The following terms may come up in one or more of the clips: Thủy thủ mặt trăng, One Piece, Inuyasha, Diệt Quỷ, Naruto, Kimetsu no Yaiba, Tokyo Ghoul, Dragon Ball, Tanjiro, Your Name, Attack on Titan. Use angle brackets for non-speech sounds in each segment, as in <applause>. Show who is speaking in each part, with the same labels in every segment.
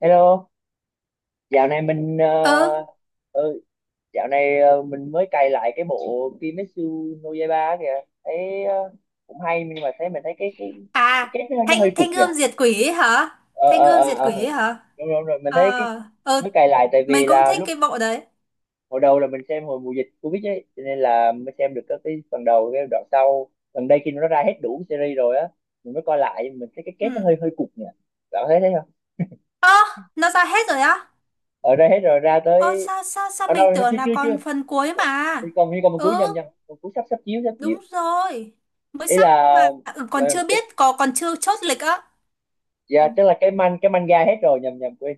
Speaker 1: Hello, dạo này mình
Speaker 2: Ừ.
Speaker 1: ừ, dạo này mình mới cày lại cái bộ Kimetsu no Yaiba á kìa. Thấy cũng hay, nhưng mà mình thấy cái
Speaker 2: À,
Speaker 1: kết nó
Speaker 2: thanh
Speaker 1: hơi cục
Speaker 2: thanh
Speaker 1: nhỉ.
Speaker 2: gươm diệt quỷ ấy hả?
Speaker 1: Ờ,
Speaker 2: Thanh
Speaker 1: ờ,
Speaker 2: gươm
Speaker 1: ờ,
Speaker 2: diệt
Speaker 1: ờ.
Speaker 2: quỷ ấy hả?
Speaker 1: Đúng rồi, mình
Speaker 2: Ờ.
Speaker 1: thấy
Speaker 2: Ừ,
Speaker 1: mới cày lại tại
Speaker 2: mình
Speaker 1: vì
Speaker 2: cũng
Speaker 1: là
Speaker 2: thích
Speaker 1: lúc
Speaker 2: cái bộ đấy.
Speaker 1: hồi đầu là mình xem hồi mùa dịch Covid ấy, cho nên là mới xem được các cái phần đầu, cái đoạn sau. Gần đây khi nó ra hết đủ series rồi á, mình mới coi lại mình thấy cái
Speaker 2: Ừ.
Speaker 1: kết nó hơi hơi cục nhỉ. Bạn có thấy thế không?
Speaker 2: Ơ, nó ra hết rồi á?
Speaker 1: Ở đây hết rồi, ra
Speaker 2: Ơ,
Speaker 1: tới
Speaker 2: sao sao sao
Speaker 1: ở đâu?
Speaker 2: mình tưởng
Speaker 1: Chưa,
Speaker 2: là
Speaker 1: chưa,
Speaker 2: còn
Speaker 1: chưa,
Speaker 2: phần cuối mà.
Speaker 1: thì còn như còn một
Speaker 2: Ừ,
Speaker 1: cuối, nhầm nhầm, một cuối sắp sắp chiếu,
Speaker 2: đúng rồi, mới
Speaker 1: ý
Speaker 2: sắp
Speaker 1: là.
Speaker 2: mà. Ừ,
Speaker 1: dạ,
Speaker 2: còn chưa
Speaker 1: tức,
Speaker 2: biết, có còn chưa chốt lịch á. Ừ.
Speaker 1: dạ tức là cái manga hết rồi, nhầm nhầm quên,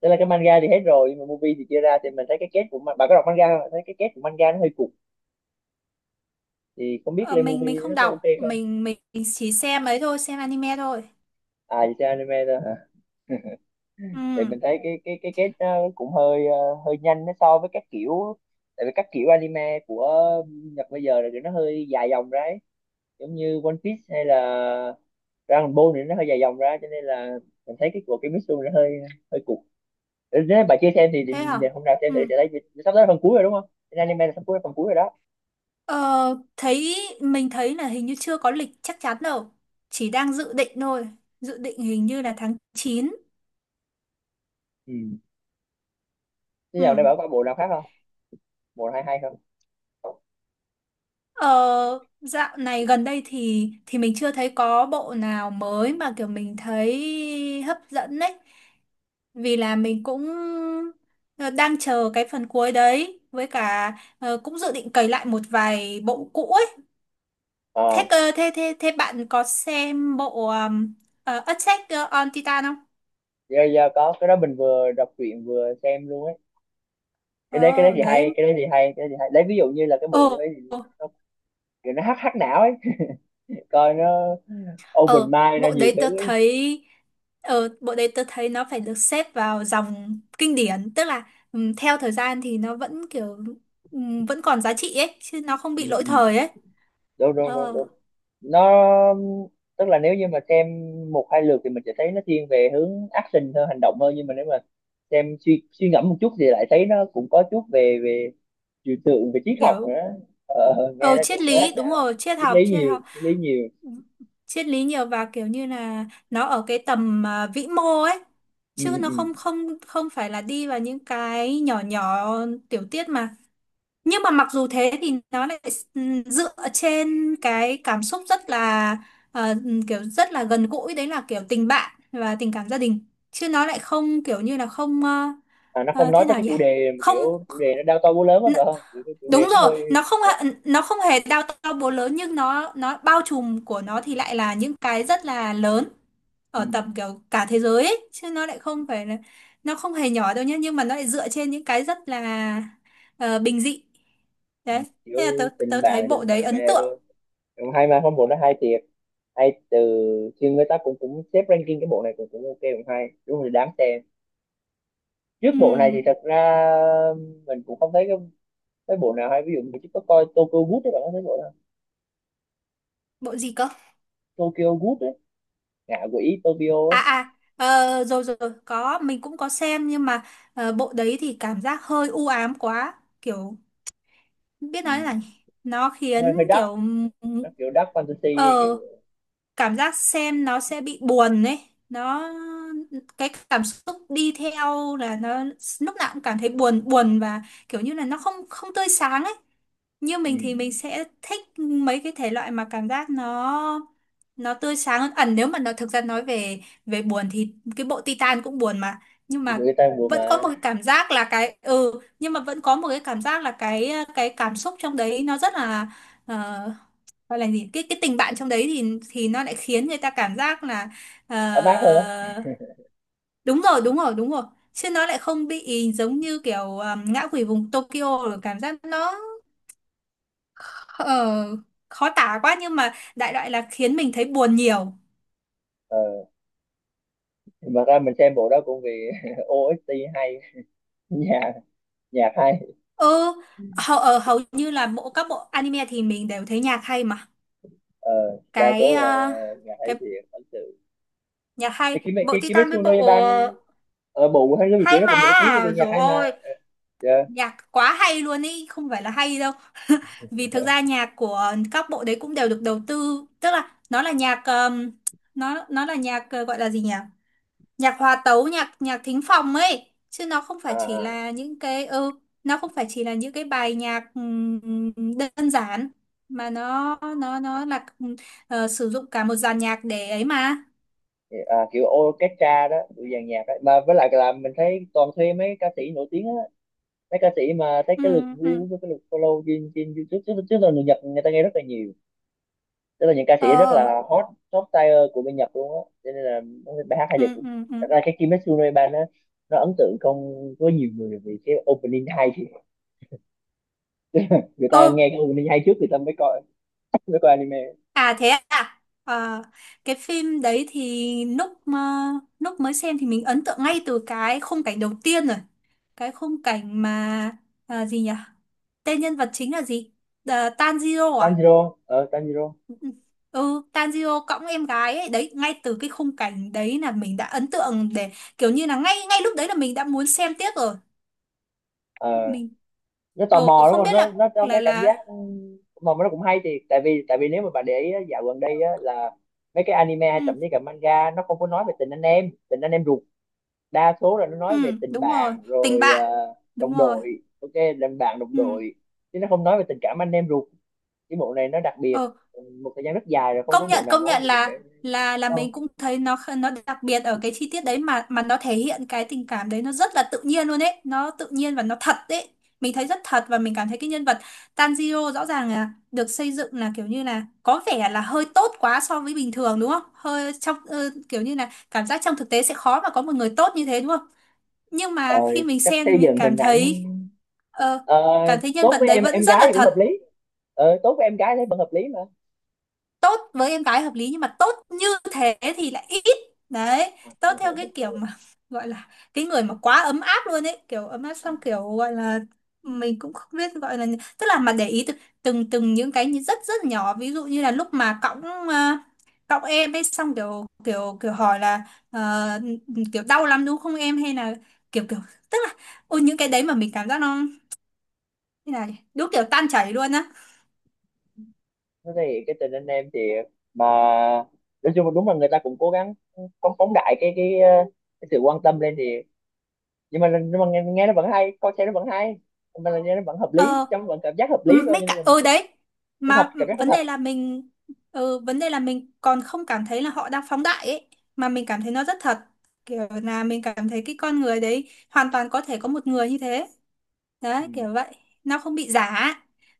Speaker 1: tức là cái manga thì hết rồi nhưng mà movie thì chưa ra, thì mình thấy cái kết bạn có đọc manga không? Thấy cái kết của manga nó hơi cục, thì không biết
Speaker 2: Ờ,
Speaker 1: lên
Speaker 2: mình
Speaker 1: movie
Speaker 2: không
Speaker 1: nó có ok
Speaker 2: đọc,
Speaker 1: không.
Speaker 2: mình chỉ xem ấy thôi, xem anime thôi.
Speaker 1: À, chỉ xem anime thôi hả? <laughs>
Speaker 2: Ừ.
Speaker 1: Thì mình thấy cái kết nó cũng hơi hơi nhanh nó so với các kiểu, tại vì các kiểu anime của Nhật bây giờ là kiểu nó hơi dài dòng ra ấy, giống như One Piece hay là Dragon Ball thì nó hơi dài dòng ra, cho nên là mình thấy cái của cái Mitsu nó hơi hơi cục. Nếu bà chưa xem thì,
Speaker 2: Thế hả?
Speaker 1: hôm nào xem
Speaker 2: Ừ.
Speaker 1: thử sẽ thấy. Sắp tới là phần cuối rồi đúng không? Thì anime là sắp cuối phần cuối rồi đó.
Speaker 2: Ờ, mình thấy là hình như chưa có lịch chắc chắn đâu, chỉ đang dự định thôi. Dự định hình như là tháng 9.
Speaker 1: Ừ. Thế giờ đây
Speaker 2: Ừ.
Speaker 1: bảo có bộ nào khác không, bộ nào hay hay không?
Speaker 2: Ờ, dạo này gần đây thì mình chưa thấy có bộ nào mới mà kiểu mình thấy hấp dẫn đấy. Vì là mình cũng, ờ, đang chờ cái phần cuối đấy, với cả cũng dự định cày lại một vài bộ cũ ấy.
Speaker 1: ờ
Speaker 2: Thế cơ, thế thế thế bạn có xem bộ, Attack on Titan không?
Speaker 1: giờ có cái đó mình vừa đọc truyện vừa xem luôn ấy. Cái đấy
Speaker 2: Ờ
Speaker 1: thì
Speaker 2: đấy.
Speaker 1: hay, lấy ví dụ như là cái bộ như
Speaker 2: Ờ,
Speaker 1: ấy thì nó, nó hắc hắc não ấy. <laughs> Coi nó open
Speaker 2: ờ,
Speaker 1: mind ra nhiều thứ ấy.
Speaker 2: bộ đấy tớ thấy nó phải được xếp vào dòng kinh điển, tức là, theo thời gian thì nó vẫn kiểu, vẫn còn giá trị ấy, chứ nó không
Speaker 1: Ừ,
Speaker 2: bị lỗi
Speaker 1: ừ.
Speaker 2: thời ấy.
Speaker 1: Đúng, đúng, đúng,
Speaker 2: Ờ,
Speaker 1: đúng. nó tức là nếu như mà xem một hai lượt thì mình sẽ thấy nó thiên về hướng action hơn, hành động hơn, nhưng mà nếu mà xem suy suy ngẫm một chút thì lại thấy nó cũng có chút về về trừu tượng, về triết học
Speaker 2: kiểu.
Speaker 1: nữa. Nghe
Speaker 2: Ờ,
Speaker 1: nó
Speaker 2: triết
Speaker 1: cũng khác
Speaker 2: lý, đúng
Speaker 1: nào.
Speaker 2: rồi, triết học, triết học.
Speaker 1: Triết lý nhiều.
Speaker 2: Ừm, triết lý nhiều và kiểu như là nó ở cái tầm, à, vĩ mô ấy,
Speaker 1: Ừ,
Speaker 2: chứ
Speaker 1: ừ.
Speaker 2: nó không
Speaker 1: Ừ.
Speaker 2: không không phải là đi vào những cái nhỏ nhỏ tiểu tiết mà. Nhưng mà mặc dù thế thì nó lại dựa trên cái cảm xúc rất là, kiểu rất là gần gũi, đấy là kiểu tình bạn và tình cảm gia đình, chứ nó lại không kiểu như là không. Ờ,
Speaker 1: À, nó không nói
Speaker 2: Thế
Speaker 1: tới
Speaker 2: nào
Speaker 1: cái
Speaker 2: nhỉ?
Speaker 1: chủ đề mà
Speaker 2: Không.
Speaker 1: kiểu chủ đề nó đao to búa lớn á
Speaker 2: n-
Speaker 1: phải không, kiểu cái chủ
Speaker 2: Đúng
Speaker 1: đề nó
Speaker 2: rồi,
Speaker 1: hơi ờ,
Speaker 2: nó không hề đao to búa lớn nhưng nó bao trùm của nó thì lại là những cái rất là lớn,
Speaker 1: ừ.
Speaker 2: ở tầm kiểu cả thế giới ấy, chứ nó lại không phải là. Nó không hề nhỏ đâu nhé, nhưng mà nó lại dựa trên những cái rất là, bình dị.
Speaker 1: Ừ.
Speaker 2: Đấy,
Speaker 1: Kiểu
Speaker 2: thế là tớ, tớ thấy bộ
Speaker 1: tình
Speaker 2: đấy
Speaker 1: bạn
Speaker 2: ấn
Speaker 1: bè
Speaker 2: tượng.
Speaker 1: thôi. Ừ, hay mà, không bộ nó hay thiệt, hay từ, thì người ta cũng cũng xếp ranking cái bộ này, cũng cũng ok, cũng hay, đúng là đáng xem. Trước bộ này thì
Speaker 2: Ừm,
Speaker 1: thật ra mình cũng không thấy cái bộ nào hay, ví dụ mình chỉ có coi Tokyo Ghoul đấy. Bạn có thấy bộ nào?
Speaker 2: Bộ gì cơ?
Speaker 1: Tokyo Ghoul đấy, ngạ quỷ Tokyo
Speaker 2: À
Speaker 1: ấy.
Speaker 2: à, ờ, rồi rồi, rồi, có, mình cũng có xem nhưng mà, bộ đấy thì cảm giác hơi u ám quá. Kiểu, biết
Speaker 1: Ừ.
Speaker 2: nói là nhỉ? Nó
Speaker 1: Hơi hơi
Speaker 2: khiến
Speaker 1: dark,
Speaker 2: kiểu,
Speaker 1: nó kiểu dark fantasy
Speaker 2: ờ,
Speaker 1: kiểu.
Speaker 2: cảm giác xem nó sẽ bị buồn ấy. Nó, cái cảm xúc đi theo là nó lúc nào cũng cảm thấy buồn, buồn và kiểu như là nó không không tươi sáng ấy. Như
Speaker 1: Ừ.
Speaker 2: mình thì mình sẽ thích mấy cái thể loại mà cảm giác nó tươi sáng hơn ẩn, nếu mà nó thực ra nói về về buồn thì cái bộ Titan cũng buồn mà, nhưng
Speaker 1: Ừ.
Speaker 2: mà
Speaker 1: Người ta vừa
Speaker 2: vẫn có
Speaker 1: mà
Speaker 2: một cái cảm giác là cái, nhưng mà vẫn có một cái cảm giác là cái cảm xúc trong đấy nó rất là, ờ, gọi là gì, cái tình bạn trong đấy thì nó lại khiến người ta cảm giác là,
Speaker 1: ấm áp hơn á.
Speaker 2: ờ, đúng rồi, đúng rồi, đúng rồi, chứ nó lại không bị giống như kiểu, ngã quỷ vùng Tokyo rồi cảm giác nó, Ờ, khó tả quá nhưng mà đại loại là khiến mình thấy buồn nhiều.
Speaker 1: Ờ, mà ra mình xem bộ đó cũng vì <laughs> OST hay, nhà nhạc hay.
Speaker 2: Ừ, hầu như là mỗi các bộ anime thì mình đều thấy nhạc hay mà.
Speaker 1: ờ đa
Speaker 2: Cái,
Speaker 1: số là
Speaker 2: à,
Speaker 1: nhạc hay
Speaker 2: cái
Speaker 1: thiệt, ok.
Speaker 2: nhạc hay,
Speaker 1: Thì
Speaker 2: bộ Titan với
Speaker 1: Kimetsu no
Speaker 2: bộ,
Speaker 1: Yaiban,
Speaker 2: ờ,
Speaker 1: ở bộ hay cái quỷ
Speaker 2: hay
Speaker 1: nó cũng
Speaker 2: mà.
Speaker 1: nổi tiếng về nhạc
Speaker 2: Rồi
Speaker 1: hay mà.
Speaker 2: ôi,
Speaker 1: Dạ.
Speaker 2: nhạc quá hay luôn ý, không phải là hay đâu. <laughs> Vì thực ra nhạc của các bộ đấy cũng đều được đầu tư, tức là nó là nhạc, nó là nhạc, gọi là gì nhỉ? Nhạc hòa tấu, nhạc nhạc thính phòng ấy, chứ nó không
Speaker 1: À,
Speaker 2: phải chỉ
Speaker 1: à,
Speaker 2: là những cái ừ nó không phải chỉ là những cái bài nhạc, đơn giản, mà nó là, sử dụng cả một dàn nhạc để ấy mà.
Speaker 1: à, kiểu orchestra đó, kiểu dàn nhạc đó. Mà với lại là mình thấy toàn thuê mấy ca sĩ nổi tiếng á, mấy ca sĩ mà thấy
Speaker 2: Ừ,
Speaker 1: cái lượt
Speaker 2: ừ.
Speaker 1: view với cái lượt follow trên trên YouTube, chứ chứ là người Nhật người ta nghe rất là nhiều, tức là những ca sĩ rất
Speaker 2: Ờ.
Speaker 1: là hot, top tier của bên Nhật luôn á, cho nên là bài hát hay
Speaker 2: Ừ,
Speaker 1: đẹp.
Speaker 2: ừ, ừ.
Speaker 1: Thật ra cái Kimetsu no Yaiban á, nó ấn tượng không có nhiều người vì cái opening hay, thì người
Speaker 2: Ơ.
Speaker 1: ta nghe cái opening hay trước, người ta mới coi anime.
Speaker 2: À, thế à? Ờ, cái phim đấy thì lúc mới xem thì mình ấn tượng ngay từ cái khung cảnh đầu tiên rồi, cái khung cảnh mà, à, gì nhỉ, tên nhân vật chính là gì? Ờ, Tanjiro à?
Speaker 1: Tanjiro.
Speaker 2: Ừ, Tanjiro cõng em gái ấy, đấy, ngay từ cái khung cảnh đấy là mình đã ấn tượng, để kiểu như là ngay ngay lúc đấy là mình đã muốn xem tiếp rồi.
Speaker 1: ờ
Speaker 2: Mình,
Speaker 1: nó tò
Speaker 2: ừ,
Speaker 1: mò đúng
Speaker 2: không biết
Speaker 1: không, nó
Speaker 2: là,
Speaker 1: nó có
Speaker 2: là
Speaker 1: cái cảm giác
Speaker 2: là
Speaker 1: ừ, mà nó cũng hay, thì tại vì nếu mà bạn để ý á, dạo gần đây á, là mấy cái anime hay
Speaker 2: Ừ,
Speaker 1: thậm chí cả manga nó không có nói về tình anh em ruột. Đa số là nó
Speaker 2: ừ,
Speaker 1: nói về tình
Speaker 2: đúng rồi,
Speaker 1: bạn
Speaker 2: tình
Speaker 1: rồi
Speaker 2: bạn. Đúng
Speaker 1: đồng
Speaker 2: rồi.
Speaker 1: đội, ok, tình bạn đồng
Speaker 2: Ừ.
Speaker 1: đội, chứ nó không nói về tình cảm anh em ruột. Cái bộ này nó đặc biệt,
Speaker 2: Ừ.
Speaker 1: một thời gian rất dài rồi không
Speaker 2: Công
Speaker 1: có bộ
Speaker 2: nhận,
Speaker 1: nào
Speaker 2: công
Speaker 1: nói
Speaker 2: nhận
Speaker 1: về tình cảm.
Speaker 2: là,
Speaker 1: ờ,
Speaker 2: mình cũng thấy nó, nó đặc biệt ở cái chi tiết đấy mà, nó thể hiện cái tình cảm đấy nó rất là tự nhiên luôn ấy, nó tự nhiên và nó thật đấy. Mình thấy rất thật và mình cảm thấy cái nhân vật Tanjiro rõ ràng là được xây dựng là kiểu như là có vẻ là hơi tốt quá so với bình thường, đúng không? Hơi trong, kiểu như là cảm giác trong thực tế sẽ khó mà có một người tốt như thế, đúng không? Nhưng
Speaker 1: ờ,
Speaker 2: mà khi mình
Speaker 1: chắc
Speaker 2: xem thì
Speaker 1: xây
Speaker 2: mình
Speaker 1: dựng hình
Speaker 2: cảm
Speaker 1: ảnh.
Speaker 2: thấy, ờ,
Speaker 1: Ờ,
Speaker 2: cảm thấy nhân
Speaker 1: tốt
Speaker 2: vật
Speaker 1: với
Speaker 2: đấy
Speaker 1: em
Speaker 2: vẫn
Speaker 1: em
Speaker 2: rất
Speaker 1: gái
Speaker 2: là
Speaker 1: thì cũng
Speaker 2: thật.
Speaker 1: hợp lý. Ờ, tốt với em gái thấy vẫn hợp lý mà.
Speaker 2: Tốt với em gái hợp lý, nhưng mà tốt như thế thì lại ít. Đấy, tốt
Speaker 1: <laughs>
Speaker 2: theo cái kiểu
Speaker 1: Ok.
Speaker 2: mà <laughs> gọi là cái người mà quá ấm áp luôn ấy, kiểu ấm áp xong kiểu gọi là, mình cũng không biết gọi là, tức là mà để ý từng từng những cái như rất rất nhỏ, ví dụ như là lúc mà cõng, à, cõng em ấy xong kiểu, kiểu hỏi là, ờ, kiểu đau lắm đúng không em, hay là kiểu, tức là, ôi những cái đấy mà mình cảm giác nó như là đúng kiểu tan chảy luôn á.
Speaker 1: Thế thì cái tình anh em thì, mà nói chung là đúng là người ta cũng cố gắng phóng phóng đại cái cái sự quan tâm lên thì, nhưng mà nghe nó vẫn hay, coi xem nó vẫn hay, nhưng mà là nghe nó vẫn hợp lý,
Speaker 2: Ờ.
Speaker 1: trong vẫn cảm giác hợp lý
Speaker 2: Ừ,
Speaker 1: thôi,
Speaker 2: mấy
Speaker 1: cho nên
Speaker 2: cả
Speaker 1: là
Speaker 2: ừ đấy.
Speaker 1: nó thật,
Speaker 2: Mà, ừ,
Speaker 1: cảm giác nó
Speaker 2: vấn
Speaker 1: thật.
Speaker 2: đề là mình còn không cảm thấy là họ đang phóng đại ấy, mà mình cảm thấy nó rất thật, kiểu là mình cảm thấy cái con người đấy hoàn toàn có thể có một người như thế,
Speaker 1: Ừ.
Speaker 2: đấy kiểu vậy. Nó không bị giả,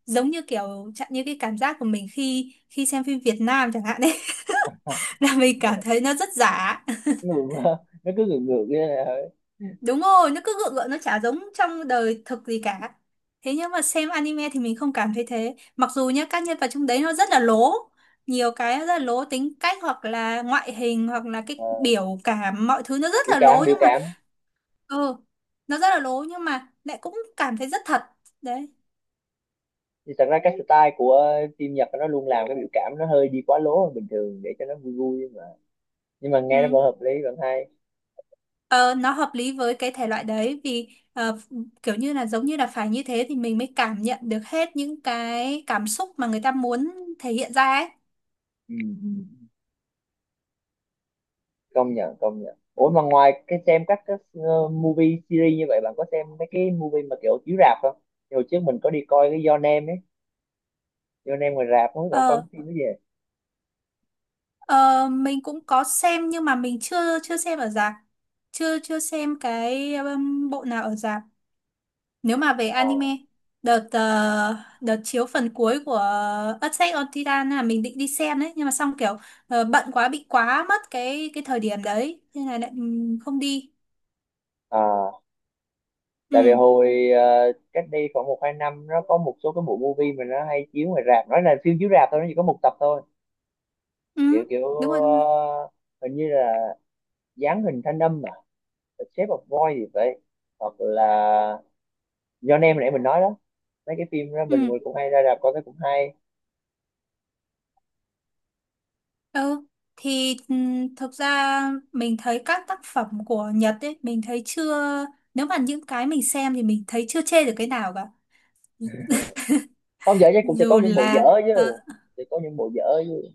Speaker 2: giống như kiểu chẳng như cái cảm giác của mình khi khi xem phim Việt Nam chẳng hạn đấy, <laughs> là
Speaker 1: <laughs>
Speaker 2: mình cảm thấy nó rất giả.
Speaker 1: Ngược, nó cứ ngược ngược như là
Speaker 2: Đúng rồi, nó cứ gượng gượng, nó chả giống trong đời thực gì cả. Thế nhưng mà xem anime thì mình không cảm thấy thế. Mặc dù nhá, các nhân vật trong đấy nó rất là lố. Nhiều cái rất là lố, tính cách hoặc là ngoại hình hoặc là
Speaker 1: ờ,
Speaker 2: cái biểu cảm, mọi thứ nó rất là lố
Speaker 1: biểu
Speaker 2: nhưng mà,
Speaker 1: cảm.
Speaker 2: ừ, nó rất là lố nhưng mà lại cũng cảm thấy rất thật. Đấy.
Speaker 1: Thì thật ra cái style của phim Nhật nó luôn làm cái biểu cảm nó hơi đi quá lố hơn bình thường để cho nó vui vui mà, nhưng mà nghe nó
Speaker 2: Ừ.
Speaker 1: vẫn hợp lý vẫn hay.
Speaker 2: Ờ, nó hợp lý với cái thể loại đấy vì, ờ, kiểu như là giống như là phải như thế thì mình mới cảm nhận được hết những cái cảm xúc mà người ta muốn thể hiện ra ấy.
Speaker 1: Ừ, ừ. Công nhận, công nhận. Ủa mà ngoài cái xem các cái movie series như vậy, bạn có xem mấy cái movie mà kiểu chiếu rạp không? Thì hồi trước mình có đi coi cái Your Name ấy, Your Name ngoài rạp, không biết bạn có coi
Speaker 2: Ờ.
Speaker 1: cái phim đó gì.
Speaker 2: Ờ, mình cũng có xem nhưng mà mình chưa chưa xem ở rạp, chưa chưa xem cái, bộ nào ở rạp. Nếu mà về
Speaker 1: À,
Speaker 2: anime, đợt ờ, đợt chiếu phần cuối của Attack on Titan là mình định đi xem đấy, nhưng mà xong kiểu, bận quá bị quá mất cái thời điểm đấy nên là lại, không đi.
Speaker 1: à, tại vì
Speaker 2: Ừ,
Speaker 1: hồi cách đây khoảng một hai năm nó có một số cái bộ movie mà nó hay chiếu ngoài rạp, nói là phim chiếu rạp thôi nó chỉ có một tập thôi.
Speaker 2: ừ,
Speaker 1: Kiểu kiểu
Speaker 2: đúng rồi, đúng rồi.
Speaker 1: hình như là dáng hình thanh âm mà, The Shape of Boy thì vậy, hoặc là do nem nãy mình nói đó. Mấy cái phim đó
Speaker 2: Ừ,
Speaker 1: mình cũng hay ra rạp coi, cái cũng hay.
Speaker 2: ừ. Thì, thực ra mình thấy các tác phẩm của Nhật ấy, mình thấy chưa, nếu mà những cái mình xem thì mình thấy chưa chê được cái nào cả,
Speaker 1: Không dở chứ, cũng sẽ có
Speaker 2: dù
Speaker 1: những bộ dở
Speaker 2: là ờ.
Speaker 1: chứ, sẽ có những bộ dở chứ.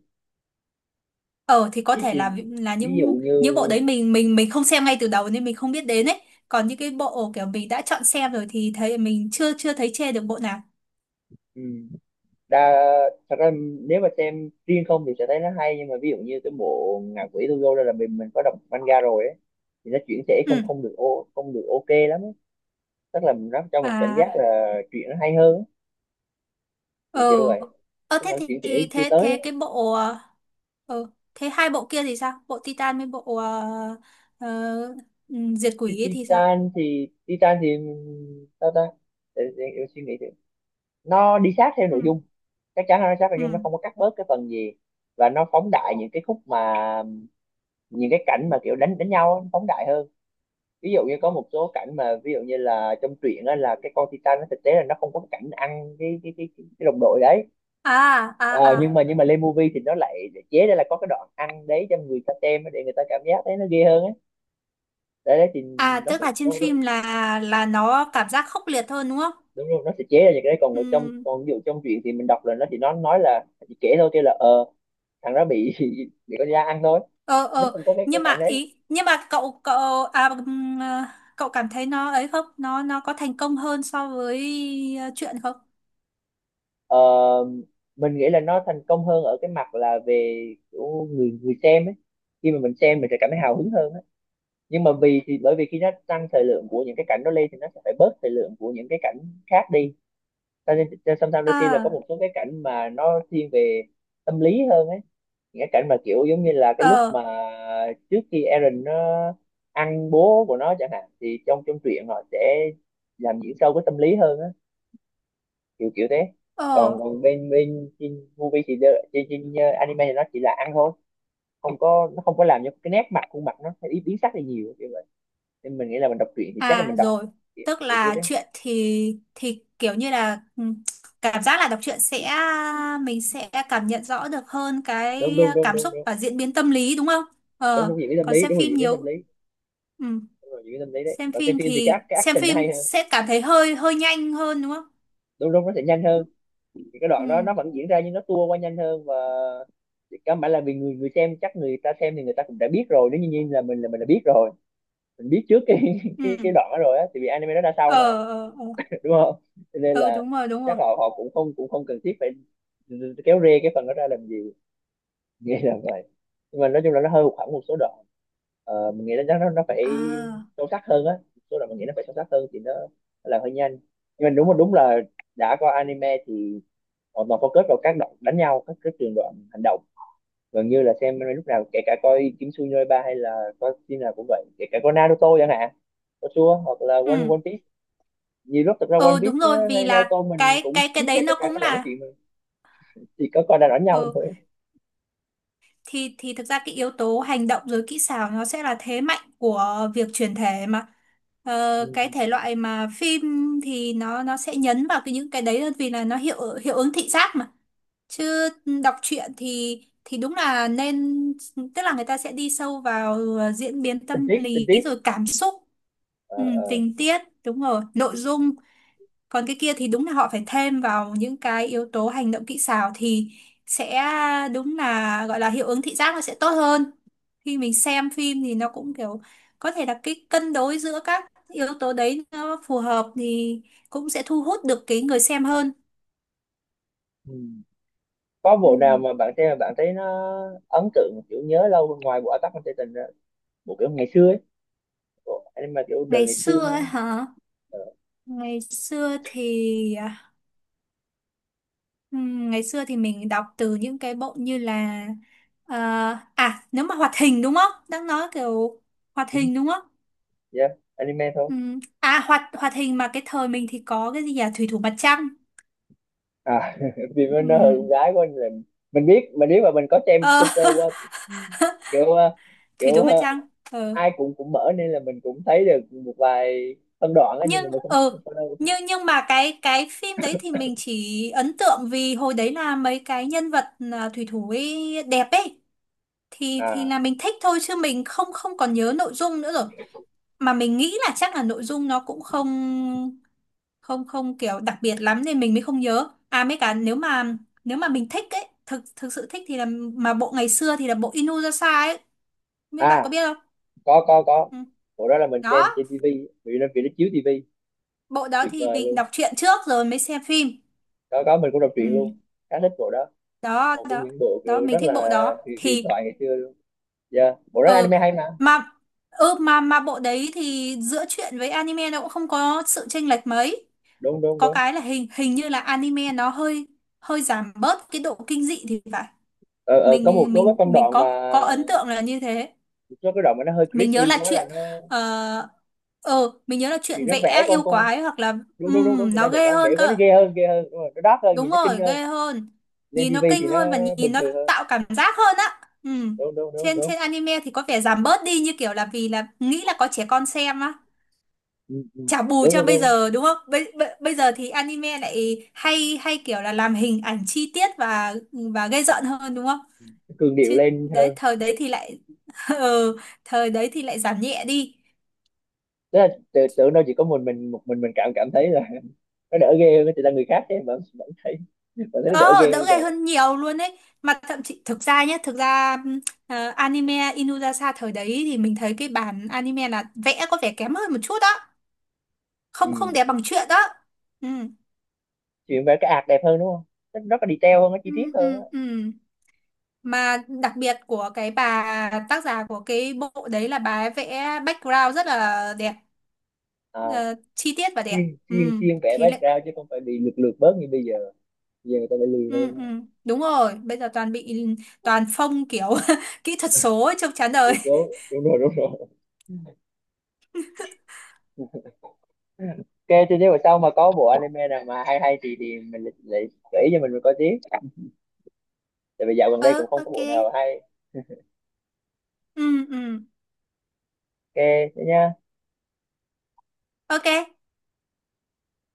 Speaker 2: Ờ, thì có
Speaker 1: ví
Speaker 2: thể
Speaker 1: dụ,
Speaker 2: là
Speaker 1: ví dụ
Speaker 2: những
Speaker 1: như
Speaker 2: bộ đấy mình không xem ngay từ đầu nên mình không biết đến ấy, còn những cái bộ kiểu mình đã chọn xem rồi thì thấy mình chưa chưa thấy chê được bộ nào.
Speaker 1: ừ, đa thật ra nếu mà xem riêng không thì sẽ thấy nó hay, nhưng mà ví dụ như cái bộ ngạ quỷ Tugo đây là mình có đọc manga rồi ấy, thì nó chuyển thể
Speaker 2: Ừ.
Speaker 1: không không được, không được ok lắm ấy, tức là nó cho mình cảm giác
Speaker 2: À.
Speaker 1: là chuyện nó hay hơn ấy. Thì
Speaker 2: Ờ,
Speaker 1: kiểu vậy,
Speaker 2: ờ,
Speaker 1: tức
Speaker 2: thế
Speaker 1: là nó
Speaker 2: thì
Speaker 1: chuyển thể
Speaker 2: thì
Speaker 1: chưa
Speaker 2: thế
Speaker 1: tới.
Speaker 2: thế cái bộ, ờ, thế hai bộ kia thì sao, bộ Titan với bộ, ờ, Diệt Quỷ ấy thì sao?
Speaker 1: Titan thì, sao ta. Để em suy nghĩ thử. Nó đi sát theo nội
Speaker 2: Ừ,
Speaker 1: dung, chắc chắn là nó sát nội
Speaker 2: ừ.
Speaker 1: dung, nó không có cắt bớt cái phần gì, và nó phóng đại những cái khúc mà, những cái cảnh mà kiểu đánh đánh nhau á, nó phóng đại hơn. Ví dụ như có một số cảnh mà ví dụ như là trong truyện á, là cái con Titan nó thực tế là nó không có cảnh ăn cái đồng đội đấy.
Speaker 2: À, à,
Speaker 1: Ờ,
Speaker 2: à,
Speaker 1: nhưng mà lên movie thì nó lại lại chế ra là có cái đoạn ăn đấy cho người ta xem á, để người ta cảm giác thấy nó ghê hơn ấy. Đấy, đấy thì
Speaker 2: à, tức là trên
Speaker 1: nó,
Speaker 2: phim là nó cảm giác khốc liệt hơn đúng không?
Speaker 1: đúng rồi nó sẽ chế ra những cái đấy. Còn ở trong,
Speaker 2: Ừ.
Speaker 1: còn ví dụ trong chuyện thì mình đọc là nó chỉ, nó nói là chỉ kể thôi, kêu là thằng đó bị <laughs> bị con da ăn thôi,
Speaker 2: Ờ,
Speaker 1: nó
Speaker 2: ờ,
Speaker 1: không có cái
Speaker 2: nhưng
Speaker 1: cảnh
Speaker 2: mà
Speaker 1: đấy.
Speaker 2: ý, nhưng mà cậu cậu à, à, cậu cảm thấy nó ấy không nó có thành công hơn so với, chuyện không?
Speaker 1: ờ, mình nghĩ là nó thành công hơn ở cái mặt là về kiểu người người xem ấy, khi mà mình xem mình sẽ cảm thấy hào hứng hơn ấy. Nhưng mà vì thì bởi vì khi nó tăng thời lượng của những cái cảnh đó lên thì nó sẽ phải bớt thời lượng của những cái cảnh khác đi, cho nên cho sometimes đôi khi là có
Speaker 2: À.
Speaker 1: một số cái cảnh mà nó thiên về tâm lý hơn ấy. Những cái cảnh mà kiểu giống như là cái lúc
Speaker 2: Ờ,
Speaker 1: mà trước khi Aaron nó ăn bố của nó chẳng hạn thì trong trong truyện họ sẽ làm diễn sâu cái tâm lý hơn á, kiểu kiểu thế.
Speaker 2: ờ.
Speaker 1: Còn còn bên bên trên movie thì trên trên anime thì nó chỉ là ăn thôi, không có, nó không có làm cho cái nét mặt khuôn mặt nó biến biến sắc đi nhiều kiểu vậy. Nên mình nghĩ là mình đọc truyện thì chắc là
Speaker 2: À,
Speaker 1: mình đọc
Speaker 2: rồi,
Speaker 1: kiểu
Speaker 2: tức
Speaker 1: kiểu thế
Speaker 2: là
Speaker 1: đấy.
Speaker 2: chuyện thì kiểu như là, cảm giác là đọc truyện sẽ, mình sẽ cảm nhận rõ được hơn
Speaker 1: Đúng
Speaker 2: cái,
Speaker 1: đúng đúng
Speaker 2: cảm
Speaker 1: đúng
Speaker 2: xúc
Speaker 1: đúng.
Speaker 2: và diễn biến tâm lý, đúng không?
Speaker 1: Đúng
Speaker 2: Ờ.
Speaker 1: đúng diễn biến tâm
Speaker 2: Còn
Speaker 1: lý,
Speaker 2: xem
Speaker 1: đúng rồi,
Speaker 2: phim
Speaker 1: diễn biến tâm
Speaker 2: nhiều.
Speaker 1: lý.
Speaker 2: Ừ.
Speaker 1: Đúng rồi, những cái tâm lý đấy,
Speaker 2: Xem
Speaker 1: còn xem
Speaker 2: phim
Speaker 1: phim thì cái
Speaker 2: thì
Speaker 1: cái
Speaker 2: xem
Speaker 1: action nó hay
Speaker 2: phim
Speaker 1: hơn.
Speaker 2: sẽ cảm thấy hơi hơi nhanh hơn đúng không?
Speaker 1: Đúng đúng, nó sẽ nhanh hơn, thì cái đoạn đó
Speaker 2: Ừ,
Speaker 1: nó vẫn diễn ra nhưng nó tua qua nhanh hơn. Và thì căn bản là vì người người xem chắc người ta xem thì người ta cũng đã biết rồi, nếu như như là mình đã biết rồi, mình biết trước cái <laughs> cái
Speaker 2: ừ,
Speaker 1: đoạn đó rồi á, thì vì anime nó ra sau
Speaker 2: ờ,
Speaker 1: mà,
Speaker 2: ờ, ờ.
Speaker 1: <laughs> đúng không? Cho nên
Speaker 2: Ờ,
Speaker 1: là
Speaker 2: đúng rồi, đúng
Speaker 1: chắc
Speaker 2: rồi.
Speaker 1: họ họ cũng không, cũng không cần thiết phải kéo rê cái phần đó ra làm gì, nghĩ là vậy. Nhưng mà nói chung là nó hơi hụt hẫng một số đoạn. Ờ, mình nghĩ là chắc nó phải
Speaker 2: À,
Speaker 1: sâu sắc hơn á, một số đoạn mình nghĩ nó phải sâu sắc hơn thì nó làm hơi nhanh. Nhưng mà đúng là đã coi anime thì họ toàn focus vào các đoạn đánh nhau, các cái trường đoạn hành động. Gần như là xem anime lúc nào, kể cả coi Kimetsu no Yaiba hay là coi phim nào cũng vậy, kể cả coi Naruto chẳng hạn, coi Sua hoặc là One
Speaker 2: ừ,
Speaker 1: One Piece. Nhiều lúc thực ra One
Speaker 2: ừ,
Speaker 1: Piece,
Speaker 2: đúng rồi,
Speaker 1: ờ,
Speaker 2: vì
Speaker 1: hay
Speaker 2: là
Speaker 1: Naruto mình
Speaker 2: cái
Speaker 1: cũng
Speaker 2: cái cái
Speaker 1: tiếp hết
Speaker 2: đấy
Speaker 1: tất
Speaker 2: nó
Speaker 1: cả
Speaker 2: cũng
Speaker 1: các đoạn nói
Speaker 2: là
Speaker 1: chuyện mà, chỉ có coi là đánh nhau
Speaker 2: ừ
Speaker 1: thôi.
Speaker 2: thì thực ra cái yếu tố hành động rồi kỹ xảo nó sẽ là thế mạnh của việc chuyển thể mà.
Speaker 1: Ừ,
Speaker 2: Ờ,
Speaker 1: ừ,
Speaker 2: cái
Speaker 1: ừ.
Speaker 2: thể loại mà phim thì nó sẽ nhấn vào những cái đấy hơn, vì là nó hiệu hiệu ứng thị giác mà. Chứ đọc truyện thì đúng là nên, tức là người ta sẽ đi sâu vào ờ, diễn biến
Speaker 1: Tình
Speaker 2: tâm
Speaker 1: tiết, tình
Speaker 2: lý
Speaker 1: tiết.
Speaker 2: rồi cảm xúc. Ừ,
Speaker 1: Ờ ờ.
Speaker 2: tình tiết, đúng rồi, nội dung. Còn cái kia thì đúng là họ phải thêm vào những cái yếu tố hành động kỹ xảo thì sẽ đúng là gọi là hiệu ứng thị giác nó sẽ tốt hơn. Khi mình xem phim thì nó cũng kiểu có thể là cái cân đối giữa các yếu tố đấy nó phù hợp thì cũng sẽ thu hút được cái người xem hơn.
Speaker 1: Ừ. Có
Speaker 2: Ừ.
Speaker 1: bộ nào mà bạn xem mà bạn thấy nó ấn tượng kiểu nhớ lâu ngoài bộ Attack on Titan ra? Bộ kiểu ngày xưa ấy, bộ anime kiểu đời
Speaker 2: Ngày
Speaker 1: ngày xưa
Speaker 2: xưa ấy
Speaker 1: hơn.
Speaker 2: hả?
Speaker 1: Ờ.
Speaker 2: Ngày xưa thì à, ngày xưa thì mình đọc từ những cái bộ như là ờ, à, nếu mà hoạt hình đúng không? Đang nói kiểu hoạt
Speaker 1: Ừ,
Speaker 2: hình đúng không?
Speaker 1: yeah, anime thôi.
Speaker 2: À, hoạt hoạt hình mà cái thời mình thì có cái gì nhỉ? Thủy thủ mặt trăng.
Speaker 1: À, <laughs> vì nó hơi con
Speaker 2: Ừm,
Speaker 1: gái của anh, là mình biết, mình biết mà, mình có xem
Speaker 2: Ờ,
Speaker 1: sơ sơ
Speaker 2: <laughs>
Speaker 1: qua kiểu ờ,
Speaker 2: Thủy
Speaker 1: kiểu
Speaker 2: thủ mặt
Speaker 1: ờ,
Speaker 2: trăng. Ờ.
Speaker 1: ai cũng cũng mở nên là mình cũng thấy được một vài phân đoạn á, nhưng mà
Speaker 2: Nhưng
Speaker 1: mình không
Speaker 2: ờ,
Speaker 1: không có đâu.
Speaker 2: nhưng mà cái phim đấy thì mình chỉ ấn tượng vì hồi đấy là mấy cái nhân vật à, thủy thủ ấy đẹp ấy, thì
Speaker 1: À.
Speaker 2: là mình thích thôi, chứ mình không không còn nhớ nội dung nữa rồi. Mà mình nghĩ là chắc là nội dung nó cũng không, không kiểu đặc biệt lắm nên mình mới không nhớ, à mấy cả nếu mà mình thích ấy, thực thực sự thích thì là mà bộ ngày xưa thì là bộ Inuyasha ấy, mấy bạn có
Speaker 1: À,
Speaker 2: biết không?
Speaker 1: có có.
Speaker 2: Ừ.
Speaker 1: Bộ đó là mình xem
Speaker 2: Đó,
Speaker 1: trên tivi vì nó chiếu tivi.
Speaker 2: bộ đó
Speaker 1: Tuyệt
Speaker 2: thì
Speaker 1: vời
Speaker 2: mình
Speaker 1: luôn.
Speaker 2: đọc truyện trước rồi mới xem phim.
Speaker 1: Có, mình cũng đọc truyện luôn,
Speaker 2: Ừ.
Speaker 1: khá thích bộ đó,
Speaker 2: Đó,
Speaker 1: một trong
Speaker 2: đó,
Speaker 1: những bộ kiểu
Speaker 2: đó, mình
Speaker 1: rất
Speaker 2: thích bộ
Speaker 1: là
Speaker 2: đó
Speaker 1: huyền huyền
Speaker 2: thì
Speaker 1: thoại ngày xưa luôn. Dạ, bộ rất
Speaker 2: ờ
Speaker 1: anime hay mà.
Speaker 2: mà ừ, mà bộ đấy thì giữa truyện với anime nó cũng không có sự chênh lệch mấy.
Speaker 1: Đúng đúng
Speaker 2: Có
Speaker 1: đúng.
Speaker 2: cái là hình hình như là anime nó hơi hơi giảm bớt cái độ kinh dị thì phải.
Speaker 1: Ờ, ờ, có một
Speaker 2: mình
Speaker 1: số các
Speaker 2: mình
Speaker 1: phân
Speaker 2: mình
Speaker 1: đoạn
Speaker 2: có
Speaker 1: mà,
Speaker 2: ấn tượng là như thế.
Speaker 1: một số cái đoạn mà nó hơi
Speaker 2: Mình
Speaker 1: creepy
Speaker 2: nhớ là
Speaker 1: quá là
Speaker 2: chuyện
Speaker 1: nó,
Speaker 2: ờ, ờ, mình nhớ là
Speaker 1: thì
Speaker 2: chuyện
Speaker 1: nó vẽ
Speaker 2: vẽ
Speaker 1: con
Speaker 2: yêu
Speaker 1: con
Speaker 2: quái hoặc là
Speaker 1: đúng đúng đúng đúng, mình
Speaker 2: nó
Speaker 1: đang định
Speaker 2: ghê
Speaker 1: nói vẽ
Speaker 2: hơn
Speaker 1: quá nó
Speaker 2: cơ,
Speaker 1: ghê hơn, ghê hơn, đúng rồi, nó dark hơn,
Speaker 2: đúng
Speaker 1: nhìn nó kinh
Speaker 2: rồi,
Speaker 1: hơn.
Speaker 2: ghê hơn,
Speaker 1: Lên
Speaker 2: nhìn nó
Speaker 1: tivi thì
Speaker 2: kinh
Speaker 1: nó
Speaker 2: hơn và nhìn
Speaker 1: bình
Speaker 2: nó
Speaker 1: thường hơn.
Speaker 2: tạo cảm giác hơn á. Ừm.
Speaker 1: Đúng đúng đúng
Speaker 2: trên
Speaker 1: đúng.
Speaker 2: trên anime thì có vẻ giảm bớt đi, như kiểu là vì là nghĩ là có trẻ con xem á.
Speaker 1: Ừ, ừ.
Speaker 2: Chả bù
Speaker 1: Đúng
Speaker 2: cho
Speaker 1: đúng
Speaker 2: bây
Speaker 1: đúng,
Speaker 2: giờ đúng không? Bây giờ thì anime lại hay hay kiểu là làm hình ảnh chi tiết và gây giận hơn đúng không?
Speaker 1: cường điệu
Speaker 2: Chứ
Speaker 1: lên
Speaker 2: đấy
Speaker 1: hơn.
Speaker 2: thời đấy thì lại <laughs> ừ, thời đấy thì lại giảm nhẹ đi.
Speaker 1: Tức là tưởng đâu chỉ có mình một mình cảm cảm thấy là <laughs> nó đỡ ghê hơn, thì là người khác ấy, vẫn vẫn thấy, vẫn thấy nó đỡ
Speaker 2: Đó,
Speaker 1: ghê
Speaker 2: đỡ
Speaker 1: hơn
Speaker 2: ghê
Speaker 1: rồi.
Speaker 2: hơn nhiều luôn đấy. Mà thậm chí thực ra nhé, thực ra ờ, anime Inuyasha thời đấy thì mình thấy cái bản anime là vẽ có vẻ kém hơn một chút đó,
Speaker 1: Ừ.
Speaker 2: không không đẹp bằng truyện đó. Ừ.
Speaker 1: Chuyện vẽ cái ạt đẹp hơn đúng không, nó rất là detail hơn, nó chi
Speaker 2: Ừ,
Speaker 1: tiết hơn
Speaker 2: ừ,
Speaker 1: á.
Speaker 2: ừ. Mà đặc biệt của cái bà tác giả của cái bộ đấy là bà ấy vẽ background rất là đẹp,
Speaker 1: À,
Speaker 2: ờ, chi tiết và đẹp.
Speaker 1: chuyên chuyên
Speaker 2: Ừ,
Speaker 1: chuyên vẽ
Speaker 2: thì lệ,
Speaker 1: background chứ không phải bị lược lược bớt như bây giờ, bây giờ người ta phải lười
Speaker 2: ừ, ừ,
Speaker 1: hơn.
Speaker 2: đúng rồi, bây giờ toàn bị toàn phông kiểu <laughs> kỹ thuật số ấy, trông chán
Speaker 1: Lười
Speaker 2: đời.
Speaker 1: cố,
Speaker 2: <laughs>
Speaker 1: đúng rồi, đúng rồi. OK, thì nếu mà sau mà có bộ anime nào mà hay hay thì mình lại lại gợi ý cho mình coi tiếp, tại vì dạo gần đây
Speaker 2: Ừ,
Speaker 1: cũng không có
Speaker 2: ok.
Speaker 1: bộ nào hay.
Speaker 2: Ừ, ừ,
Speaker 1: OK, thế nhá.
Speaker 2: ok.